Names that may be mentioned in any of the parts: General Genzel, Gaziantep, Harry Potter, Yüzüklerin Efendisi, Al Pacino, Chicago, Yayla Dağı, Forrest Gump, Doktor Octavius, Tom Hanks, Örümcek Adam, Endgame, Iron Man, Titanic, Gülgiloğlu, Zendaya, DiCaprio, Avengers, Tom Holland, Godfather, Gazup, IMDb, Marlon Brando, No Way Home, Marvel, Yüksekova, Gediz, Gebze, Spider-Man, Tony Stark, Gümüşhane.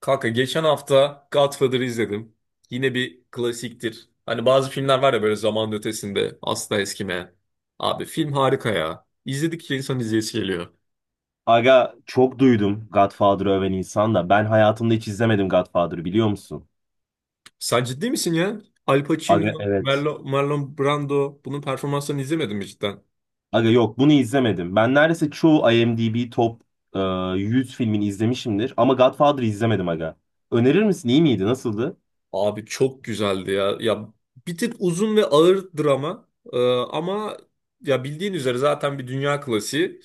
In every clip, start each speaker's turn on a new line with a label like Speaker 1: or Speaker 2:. Speaker 1: Kanka geçen hafta Godfather'ı izledim. Yine bir klasiktir. Hani bazı filmler var ya, böyle zamanın ötesinde asla eskimeyen. Abi film harika ya. İzledikçe insan izleyesi geliyor.
Speaker 2: Aga çok duydum Godfather'ı öven insan da. Ben hayatımda hiç izlemedim Godfather'ı biliyor musun?
Speaker 1: Sen ciddi misin ya? Al Pacino,
Speaker 2: Aga evet.
Speaker 1: Marlon Brando, bunun performanslarını izlemedin mi cidden?
Speaker 2: Aga yok bunu izlemedim. Ben neredeyse çoğu IMDb top e, 100 filmini izlemişimdir. Ama Godfather'ı izlemedim aga. Önerir misin? İyi miydi? Nasıldı?
Speaker 1: Abi çok güzeldi ya. Ya bir tık uzun ve ağır drama. Ama ya bildiğin üzere zaten bir dünya klasiği.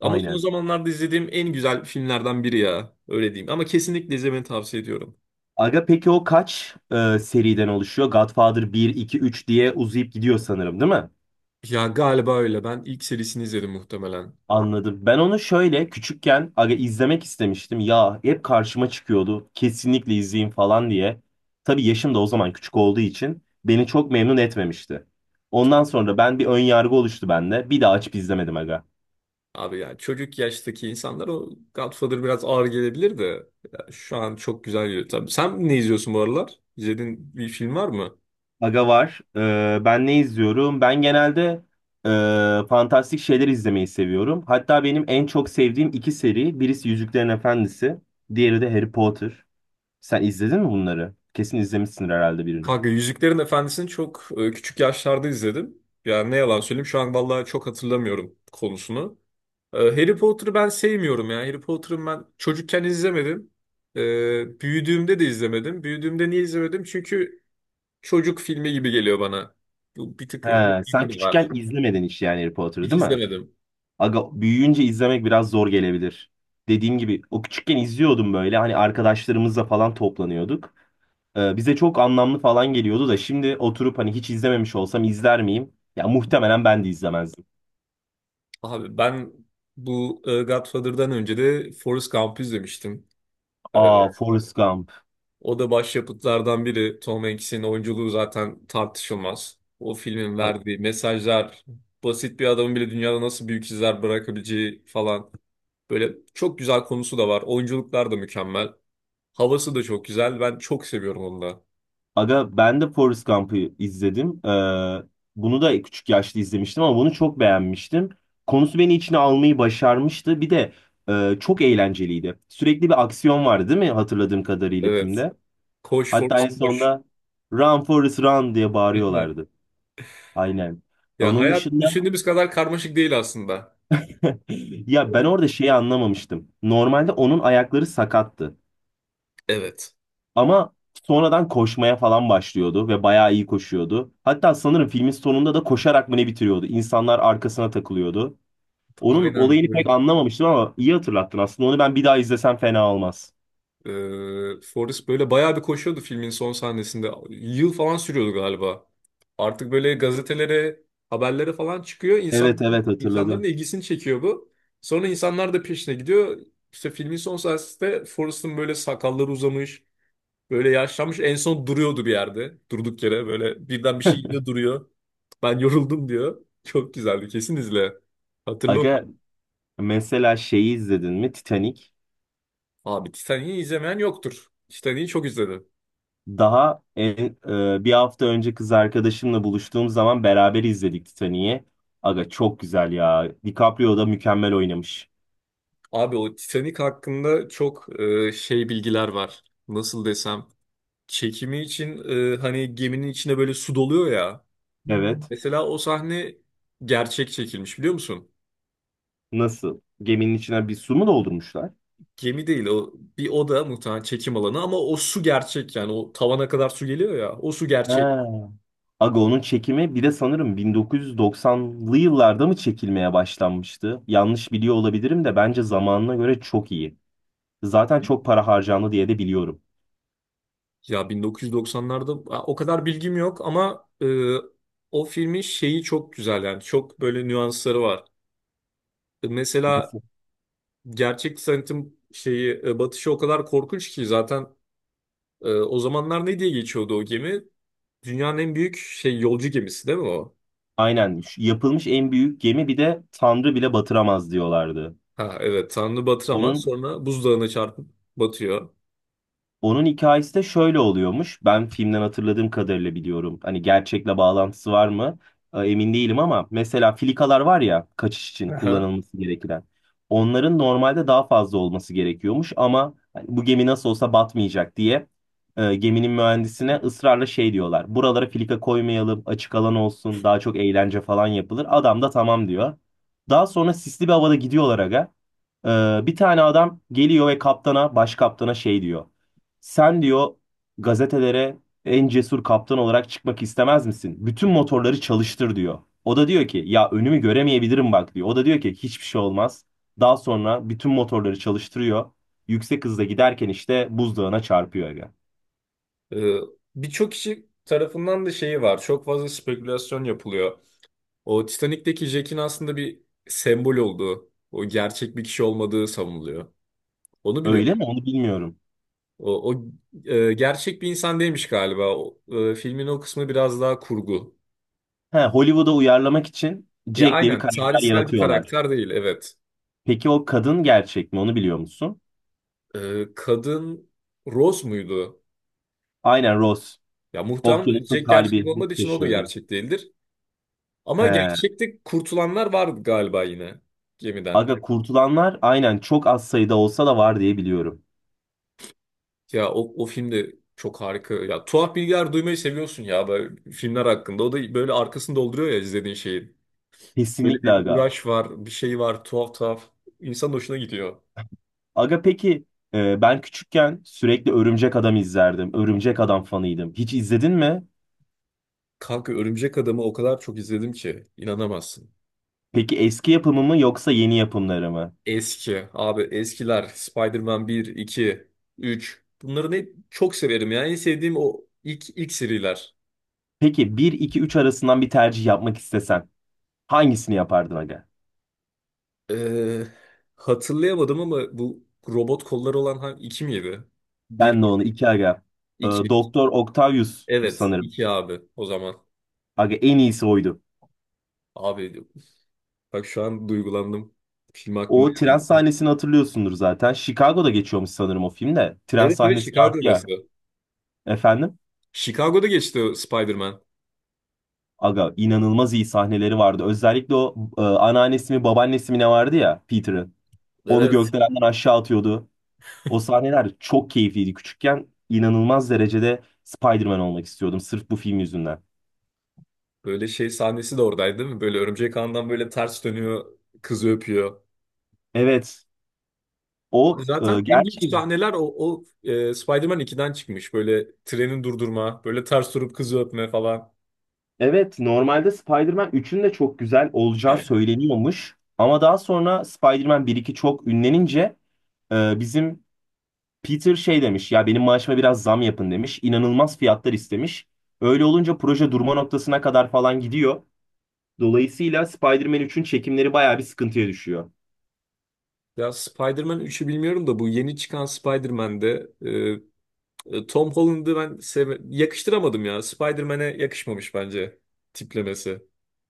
Speaker 1: Ama son
Speaker 2: Aynen.
Speaker 1: zamanlarda izlediğim en güzel filmlerden biri ya. Öyle diyeyim. Ama kesinlikle izlemeni tavsiye ediyorum.
Speaker 2: Aga peki o kaç seriden oluşuyor? Godfather bir 2 3 diye uzayıp gidiyor sanırım değil mi?
Speaker 1: Ya galiba öyle. Ben ilk serisini izledim muhtemelen.
Speaker 2: Anladım. Ben onu şöyle küçükken aga izlemek istemiştim. Ya hep karşıma çıkıyordu. Kesinlikle izleyin falan diye. Tabii yaşım da o zaman küçük olduğu için beni çok memnun etmemişti. Ondan sonra ben bir ön yargı oluştu bende. Bir daha açıp izlemedim aga.
Speaker 1: Abi ya çocuk yaştaki insanlar, o Godfather biraz ağır gelebilir de ya şu an çok güzel geliyor. Tabii sen ne izliyorsun bu aralar? İzlediğin bir film var mı?
Speaker 2: Aga var. Ben ne izliyorum? Ben genelde fantastik şeyler izlemeyi seviyorum. Hatta benim en çok sevdiğim iki seri. Birisi Yüzüklerin Efendisi. Diğeri de Harry Potter. Sen izledin mi bunları? Kesin izlemişsindir herhalde birini.
Speaker 1: Kanka Yüzüklerin Efendisi'ni çok küçük yaşlarda izledim. Yani ne yalan söyleyeyim, şu an vallahi çok hatırlamıyorum konusunu. Harry Potter'ı ben sevmiyorum ya. Harry Potter'ı ben çocukken izlemedim. Büyüdüğümde de izlemedim. Büyüdüğümde niye izlemedim? Çünkü çocuk filmi gibi geliyor bana. Bu bir tık
Speaker 2: He, sen
Speaker 1: ilgim var.
Speaker 2: küçükken izlemedin hiç yani Harry Potter'ı
Speaker 1: Hiç
Speaker 2: değil mi?
Speaker 1: izlemedim.
Speaker 2: Aga büyüyünce izlemek biraz zor gelebilir. Dediğim gibi o küçükken izliyordum böyle hani arkadaşlarımızla falan toplanıyorduk. Bize çok anlamlı falan geliyordu da şimdi oturup hani hiç izlememiş olsam izler miyim? Ya muhtemelen ben de izlemezdim.
Speaker 1: Abi ben bu Godfather'dan önce de Forrest Gump'ı izlemiştim. E,
Speaker 2: Aa, Forrest Gump.
Speaker 1: O da başyapıtlardan biri. Tom Hanks'in oyunculuğu zaten tartışılmaz. O filmin verdiği mesajlar, basit bir adamın bile dünyada nasıl büyük izler bırakabileceği falan. Böyle çok güzel konusu da var. Oyunculuklar da mükemmel. Havası da çok güzel. Ben çok seviyorum onu da.
Speaker 2: Aga ben de Forrest Gump'ı izledim. Bunu da küçük yaşta izlemiştim ama bunu çok beğenmiştim. Konusu beni içine almayı başarmıştı. Bir de çok eğlenceliydi. Sürekli bir aksiyon vardı değil mi hatırladığım kadarıyla
Speaker 1: Evet.
Speaker 2: filmde?
Speaker 1: Koş
Speaker 2: Hatta
Speaker 1: Forrest
Speaker 2: en
Speaker 1: koş.
Speaker 2: sonunda Run Forrest Run diye bağırıyorlardı. Aynen.
Speaker 1: Ya
Speaker 2: Onun
Speaker 1: hayat
Speaker 2: dışında
Speaker 1: düşündüğümüz kadar karmaşık değil aslında.
Speaker 2: ya ben
Speaker 1: Oğlum,
Speaker 2: orada şeyi anlamamıştım. Normalde onun ayakları sakattı.
Speaker 1: evet.
Speaker 2: Ama sonradan koşmaya falan başlıyordu ve bayağı iyi koşuyordu. Hatta sanırım filmin sonunda da koşarak mı ne bitiriyordu? İnsanlar arkasına takılıyordu. Onun
Speaker 1: Aynen.
Speaker 2: olayını pek anlamamıştım ama iyi hatırlattın aslında. Onu ben bir daha izlesem fena olmaz.
Speaker 1: Forrest böyle bayağı bir koşuyordu filmin son sahnesinde. Yıl falan sürüyordu galiba. Artık böyle gazetelere, haberlere falan çıkıyor.
Speaker 2: Evet,
Speaker 1: İnsan,
Speaker 2: evet,
Speaker 1: insanların
Speaker 2: hatırladım.
Speaker 1: ilgisini çekiyor bu. Sonra insanlar da peşine gidiyor. İşte filmin son sahnesinde Forrest'ın böyle sakalları uzamış, böyle yaşlanmış. En son duruyordu bir yerde. Durduk yere böyle birden bir şey geliyor, duruyor. Ben yoruldum diyor. Çok güzeldi, kesin izle. Hatırlı
Speaker 2: Aga
Speaker 1: onu.
Speaker 2: mesela şeyi izledin mi? Titanic.
Speaker 1: Abi Titanic'i izlemeyen yoktur. Titanic'i çok izledim.
Speaker 2: Daha en- Bir hafta önce kız arkadaşımla buluştuğum zaman beraber izledik Titanic'i. Aga çok güzel ya. DiCaprio da mükemmel oynamış.
Speaker 1: Abi o Titanic hakkında çok şey bilgiler var. Nasıl desem, çekimi için hani geminin içine böyle su doluyor ya.
Speaker 2: Evet.
Speaker 1: Mesela o sahne gerçek çekilmiş, biliyor musun?
Speaker 2: Nasıl? Geminin içine bir su mu doldurmuşlar?
Speaker 1: Gemi değil o, bir oda muhtemelen çekim alanı, ama o su gerçek. Yani o tavana kadar su geliyor ya, o su gerçek.
Speaker 2: Ha. Aga onun çekimi bir de sanırım 1990'lı yıllarda mı çekilmeye başlanmıştı? Yanlış biliyor olabilirim de bence zamanına göre çok iyi. Zaten çok para harcandı diye de biliyorum.
Speaker 1: Ya 1990'larda o kadar bilgim yok ama o filmin şeyi çok güzel. Yani çok böyle nüansları var. Mesela
Speaker 2: Mesela...
Speaker 1: gerçek sanatın şeyi batışı o kadar korkunç ki zaten. O zamanlar ne diye geçiyordu o gemi? Dünyanın en büyük şey yolcu gemisi değil mi o?
Speaker 2: Aynen. Şu yapılmış en büyük gemi, bir de Tanrı bile batıramaz diyorlardı.
Speaker 1: Ha evet, Tanrı batır ama
Speaker 2: Onun
Speaker 1: sonra buzdağına çarpıp batıyor.
Speaker 2: Onun hikayesi de şöyle oluyormuş. Ben filmden hatırladığım kadarıyla biliyorum. Hani gerçekle bağlantısı var mı? Emin değilim ama mesela filikalar var ya kaçış için
Speaker 1: Aha.
Speaker 2: kullanılması gereken. Onların normalde daha fazla olması gerekiyormuş ama hani bu gemi nasıl olsa batmayacak diye geminin mühendisine ısrarla şey diyorlar. Buralara filika koymayalım, açık alan olsun, daha çok eğlence falan yapılır. Adam da tamam diyor. Daha sonra sisli bir havada gidiyorlar aga. Bir tane adam geliyor ve kaptana, baş kaptana şey diyor. Sen diyor, gazetelere en cesur kaptan olarak çıkmak istemez misin? Bütün motorları çalıştır diyor. O da diyor ki ya önümü göremeyebilirim bak diyor. O da diyor ki hiçbir şey olmaz. Daha sonra bütün motorları çalıştırıyor. Yüksek hızla giderken işte buzdağına çarpıyor aga.
Speaker 1: E, Birçok kişi tarafından da şeyi var. Çok fazla spekülasyon yapılıyor. O Titanik'teki Jack'in aslında bir sembol olduğu, o gerçek bir kişi olmadığı savunuluyor. Onu biliyorum.
Speaker 2: Öyle mi, onu bilmiyorum.
Speaker 1: O, o Gerçek bir insan değilmiş galiba. Filmin o kısmı biraz daha kurgu.
Speaker 2: He, Hollywood'a uyarlamak için
Speaker 1: Ya
Speaker 2: Jack diye bir
Speaker 1: aynen,
Speaker 2: karakter
Speaker 1: tarihsel bir
Speaker 2: yaratıyorlar.
Speaker 1: karakter değil, evet.
Speaker 2: Peki o kadın gerçek mi, onu biliyor musun?
Speaker 1: Kadın Rose muydu?
Speaker 2: Aynen, Rose.
Speaker 1: Ya muhtemelen
Speaker 2: Okyanusun
Speaker 1: Jack gerçek
Speaker 2: kalbi
Speaker 1: olmadığı için o da
Speaker 2: taşıyordu.
Speaker 1: gerçek değildir. Ama
Speaker 2: He.
Speaker 1: gerçekte kurtulanlar vardı galiba yine gemiden.
Speaker 2: Aga kurtulanlar aynen çok az sayıda olsa da var diye biliyorum.
Speaker 1: Ya o film de çok harika. Ya tuhaf bilgiler duymayı seviyorsun ya böyle filmler hakkında. O da böyle arkasını dolduruyor ya izlediğin şeyin. Böyle
Speaker 2: Kesinlikle
Speaker 1: bir
Speaker 2: aga.
Speaker 1: uğraş var, bir şey var, tuhaf tuhaf. İnsan hoşuna gidiyor.
Speaker 2: Aga peki ben küçükken sürekli Örümcek Adam izlerdim. Örümcek Adam fanıydım. Hiç izledin mi?
Speaker 1: Kanka Örümcek Adam'ı o kadar çok izledim ki inanamazsın.
Speaker 2: Peki eski yapımı mı yoksa yeni yapımları mı?
Speaker 1: Eski abi, eskiler, Spider-Man 1, 2, 3, bunları hep çok severim. Yani en sevdiğim o ilk seriler.
Speaker 2: Peki bir 2 3 arasından bir tercih yapmak istesen hangisini yapardın aga?
Speaker 1: Ee, Hatırlayamadım ama bu robot kolları olan hangi, 2 miydi, bir
Speaker 2: Ben de onu
Speaker 1: miydi?
Speaker 2: 2 aga.
Speaker 1: 2.
Speaker 2: Doktor Octavius
Speaker 1: Evet
Speaker 2: sanırım.
Speaker 1: 2 abi o zaman.
Speaker 2: Aga en iyisi oydu.
Speaker 1: Abi bak şu an duygulandım. Film aklıma
Speaker 2: O tren
Speaker 1: geldi.
Speaker 2: sahnesini hatırlıyorsundur zaten. Chicago'da geçiyormuş sanırım o filmde. Tren
Speaker 1: Evet evet,
Speaker 2: sahnesi vardı ya.
Speaker 1: Chicago'dası.
Speaker 2: Efendim?
Speaker 1: Chicago'da geçti o Spider-Man.
Speaker 2: Aga inanılmaz iyi sahneleri vardı. Özellikle o anneannesi mi babaannesi mi ne vardı ya Peter'ın. Onu
Speaker 1: Evet.
Speaker 2: gökdelenden aşağı atıyordu. O sahneler çok keyifliydi. Küçükken inanılmaz derecede Spider-Man olmak istiyordum sırf bu film yüzünden.
Speaker 1: Böyle şey sahnesi de oradaydı değil mi? Böyle örümcek ağından böyle ters dönüyor, kızı öpüyor.
Speaker 2: Evet o
Speaker 1: Zaten en büyük
Speaker 2: gerçi
Speaker 1: sahneler Spider-Man 2'den çıkmış. Böyle treni durdurma, böyle ters durup kızı öpme falan.
Speaker 2: evet normalde Spider-Man 3'ün de çok güzel olacağı söyleniyormuş. Ama daha sonra Spider-Man 1-2 çok ünlenince bizim Peter şey demiş ya, benim maaşıma biraz zam yapın demiş. İnanılmaz fiyatlar istemiş. Öyle olunca proje durma noktasına kadar falan gidiyor. Dolayısıyla Spider-Man 3'ün çekimleri bayağı bir sıkıntıya düşüyor.
Speaker 1: Ya Spider-Man 3'ü bilmiyorum da, bu yeni çıkan Spider-Man'de Tom Holland'ı ben yakıştıramadım ya. Spider-Man'e yakışmamış bence tiplemesi.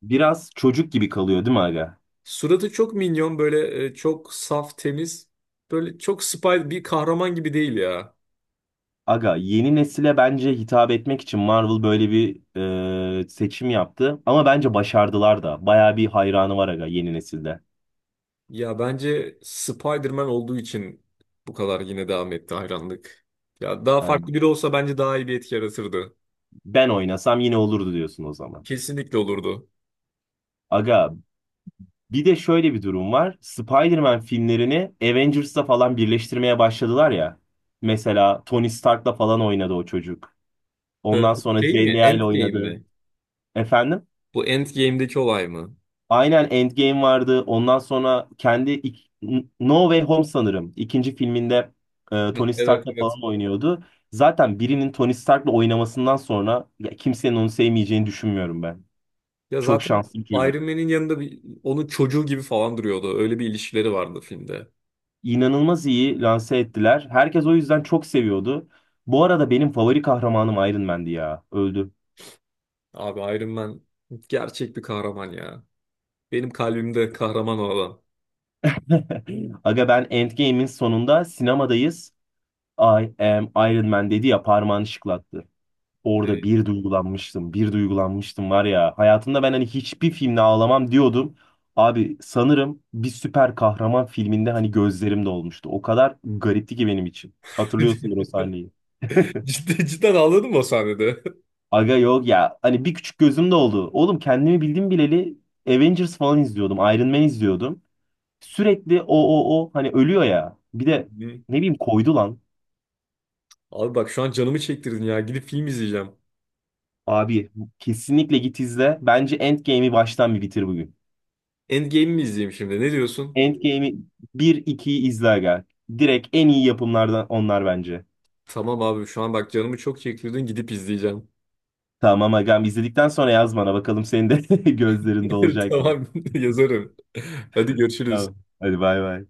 Speaker 2: Biraz çocuk gibi kalıyor değil mi aga?
Speaker 1: Suratı çok minyon, böyle çok saf, temiz. Böyle çok Spider bir kahraman gibi değil ya.
Speaker 2: Aga yeni nesile bence hitap etmek için Marvel böyle bir seçim yaptı. Ama bence başardılar da. Bayağı bir hayranı var aga yeni nesilde.
Speaker 1: Ya bence Spider-Man olduğu için bu kadar yine devam etti hayranlık. Ya daha
Speaker 2: Ha,
Speaker 1: farklı biri olsa bence daha iyi bir etki yaratırdı.
Speaker 2: ben oynasam yine olurdu diyorsun o zaman.
Speaker 1: Kesinlikle olurdu.
Speaker 2: Aga bir de şöyle bir durum var. Spider-Man filmlerini Avengers'la falan birleştirmeye başladılar ya. Mesela Tony Stark'la falan oynadı o çocuk. Ondan
Speaker 1: Bu
Speaker 2: sonra
Speaker 1: şey mi,
Speaker 2: Zendaya ile
Speaker 1: Endgame
Speaker 2: oynadı.
Speaker 1: mi?
Speaker 2: Efendim?
Speaker 1: Bu Endgame'deki olay mı?
Speaker 2: Aynen, Endgame vardı. Ondan sonra No Way Home sanırım. İkinci filminde
Speaker 1: Hah,
Speaker 2: Tony
Speaker 1: evet
Speaker 2: Stark'la
Speaker 1: evet.
Speaker 2: falan oynuyordu. Zaten birinin Tony Stark'la oynamasından sonra ya kimsenin onu sevmeyeceğini düşünmüyorum ben.
Speaker 1: Ya
Speaker 2: Çok
Speaker 1: zaten
Speaker 2: şanslı bir çocuk.
Speaker 1: Iron Man'in yanında bir, onun çocuğu gibi falan duruyordu. Öyle bir ilişkileri vardı filmde.
Speaker 2: İnanılmaz iyi lanse ettiler. Herkes o yüzden çok seviyordu. Bu arada benim favori kahramanım Iron Man'di ya. Öldü.
Speaker 1: Abi Iron Man gerçek bir kahraman ya. Benim kalbimde kahraman o adam.
Speaker 2: Aga ben Endgame'in sonunda sinemadayız. I am Iron Man dedi ya, parmağını şıklattı. Orada
Speaker 1: Evet.
Speaker 2: bir duygulanmıştım. Bir duygulanmıştım var ya. Hayatımda ben hani hiçbir filmde ağlamam diyordum. Abi sanırım bir süper kahraman filminde hani gözlerim dolmuştu. O kadar garipti ki benim için. Hatırlıyorsundur o sahneyi.
Speaker 1: Cidden, cidden ağladın mı o sahnede?
Speaker 2: Aga yok ya. Hani bir küçük gözüm de oldu. Oğlum kendimi bildim bileli Avengers falan izliyordum. Iron Man izliyordum. Sürekli o hani ölüyor ya. Bir de ne bileyim, koydu lan.
Speaker 1: Abi bak şu an canımı çektirdin ya. Gidip film izleyeceğim.
Speaker 2: Abi kesinlikle git izle. Bence Endgame'i baştan bir bitir bugün.
Speaker 1: Endgame mi izleyeyim şimdi? Ne diyorsun?
Speaker 2: Endgame'i bir 2'yi izle aga. Direkt en iyi yapımlardan onlar bence.
Speaker 1: Tamam abi şu an bak canımı çok çektirdin, gidip izleyeceğim.
Speaker 2: Tamam agam, izledikten sonra yaz bana bakalım senin de gözlerinde olacak mı?
Speaker 1: Tamam, yazarım. Hadi
Speaker 2: Tamam.
Speaker 1: görüşürüz.
Speaker 2: Hadi bay bay.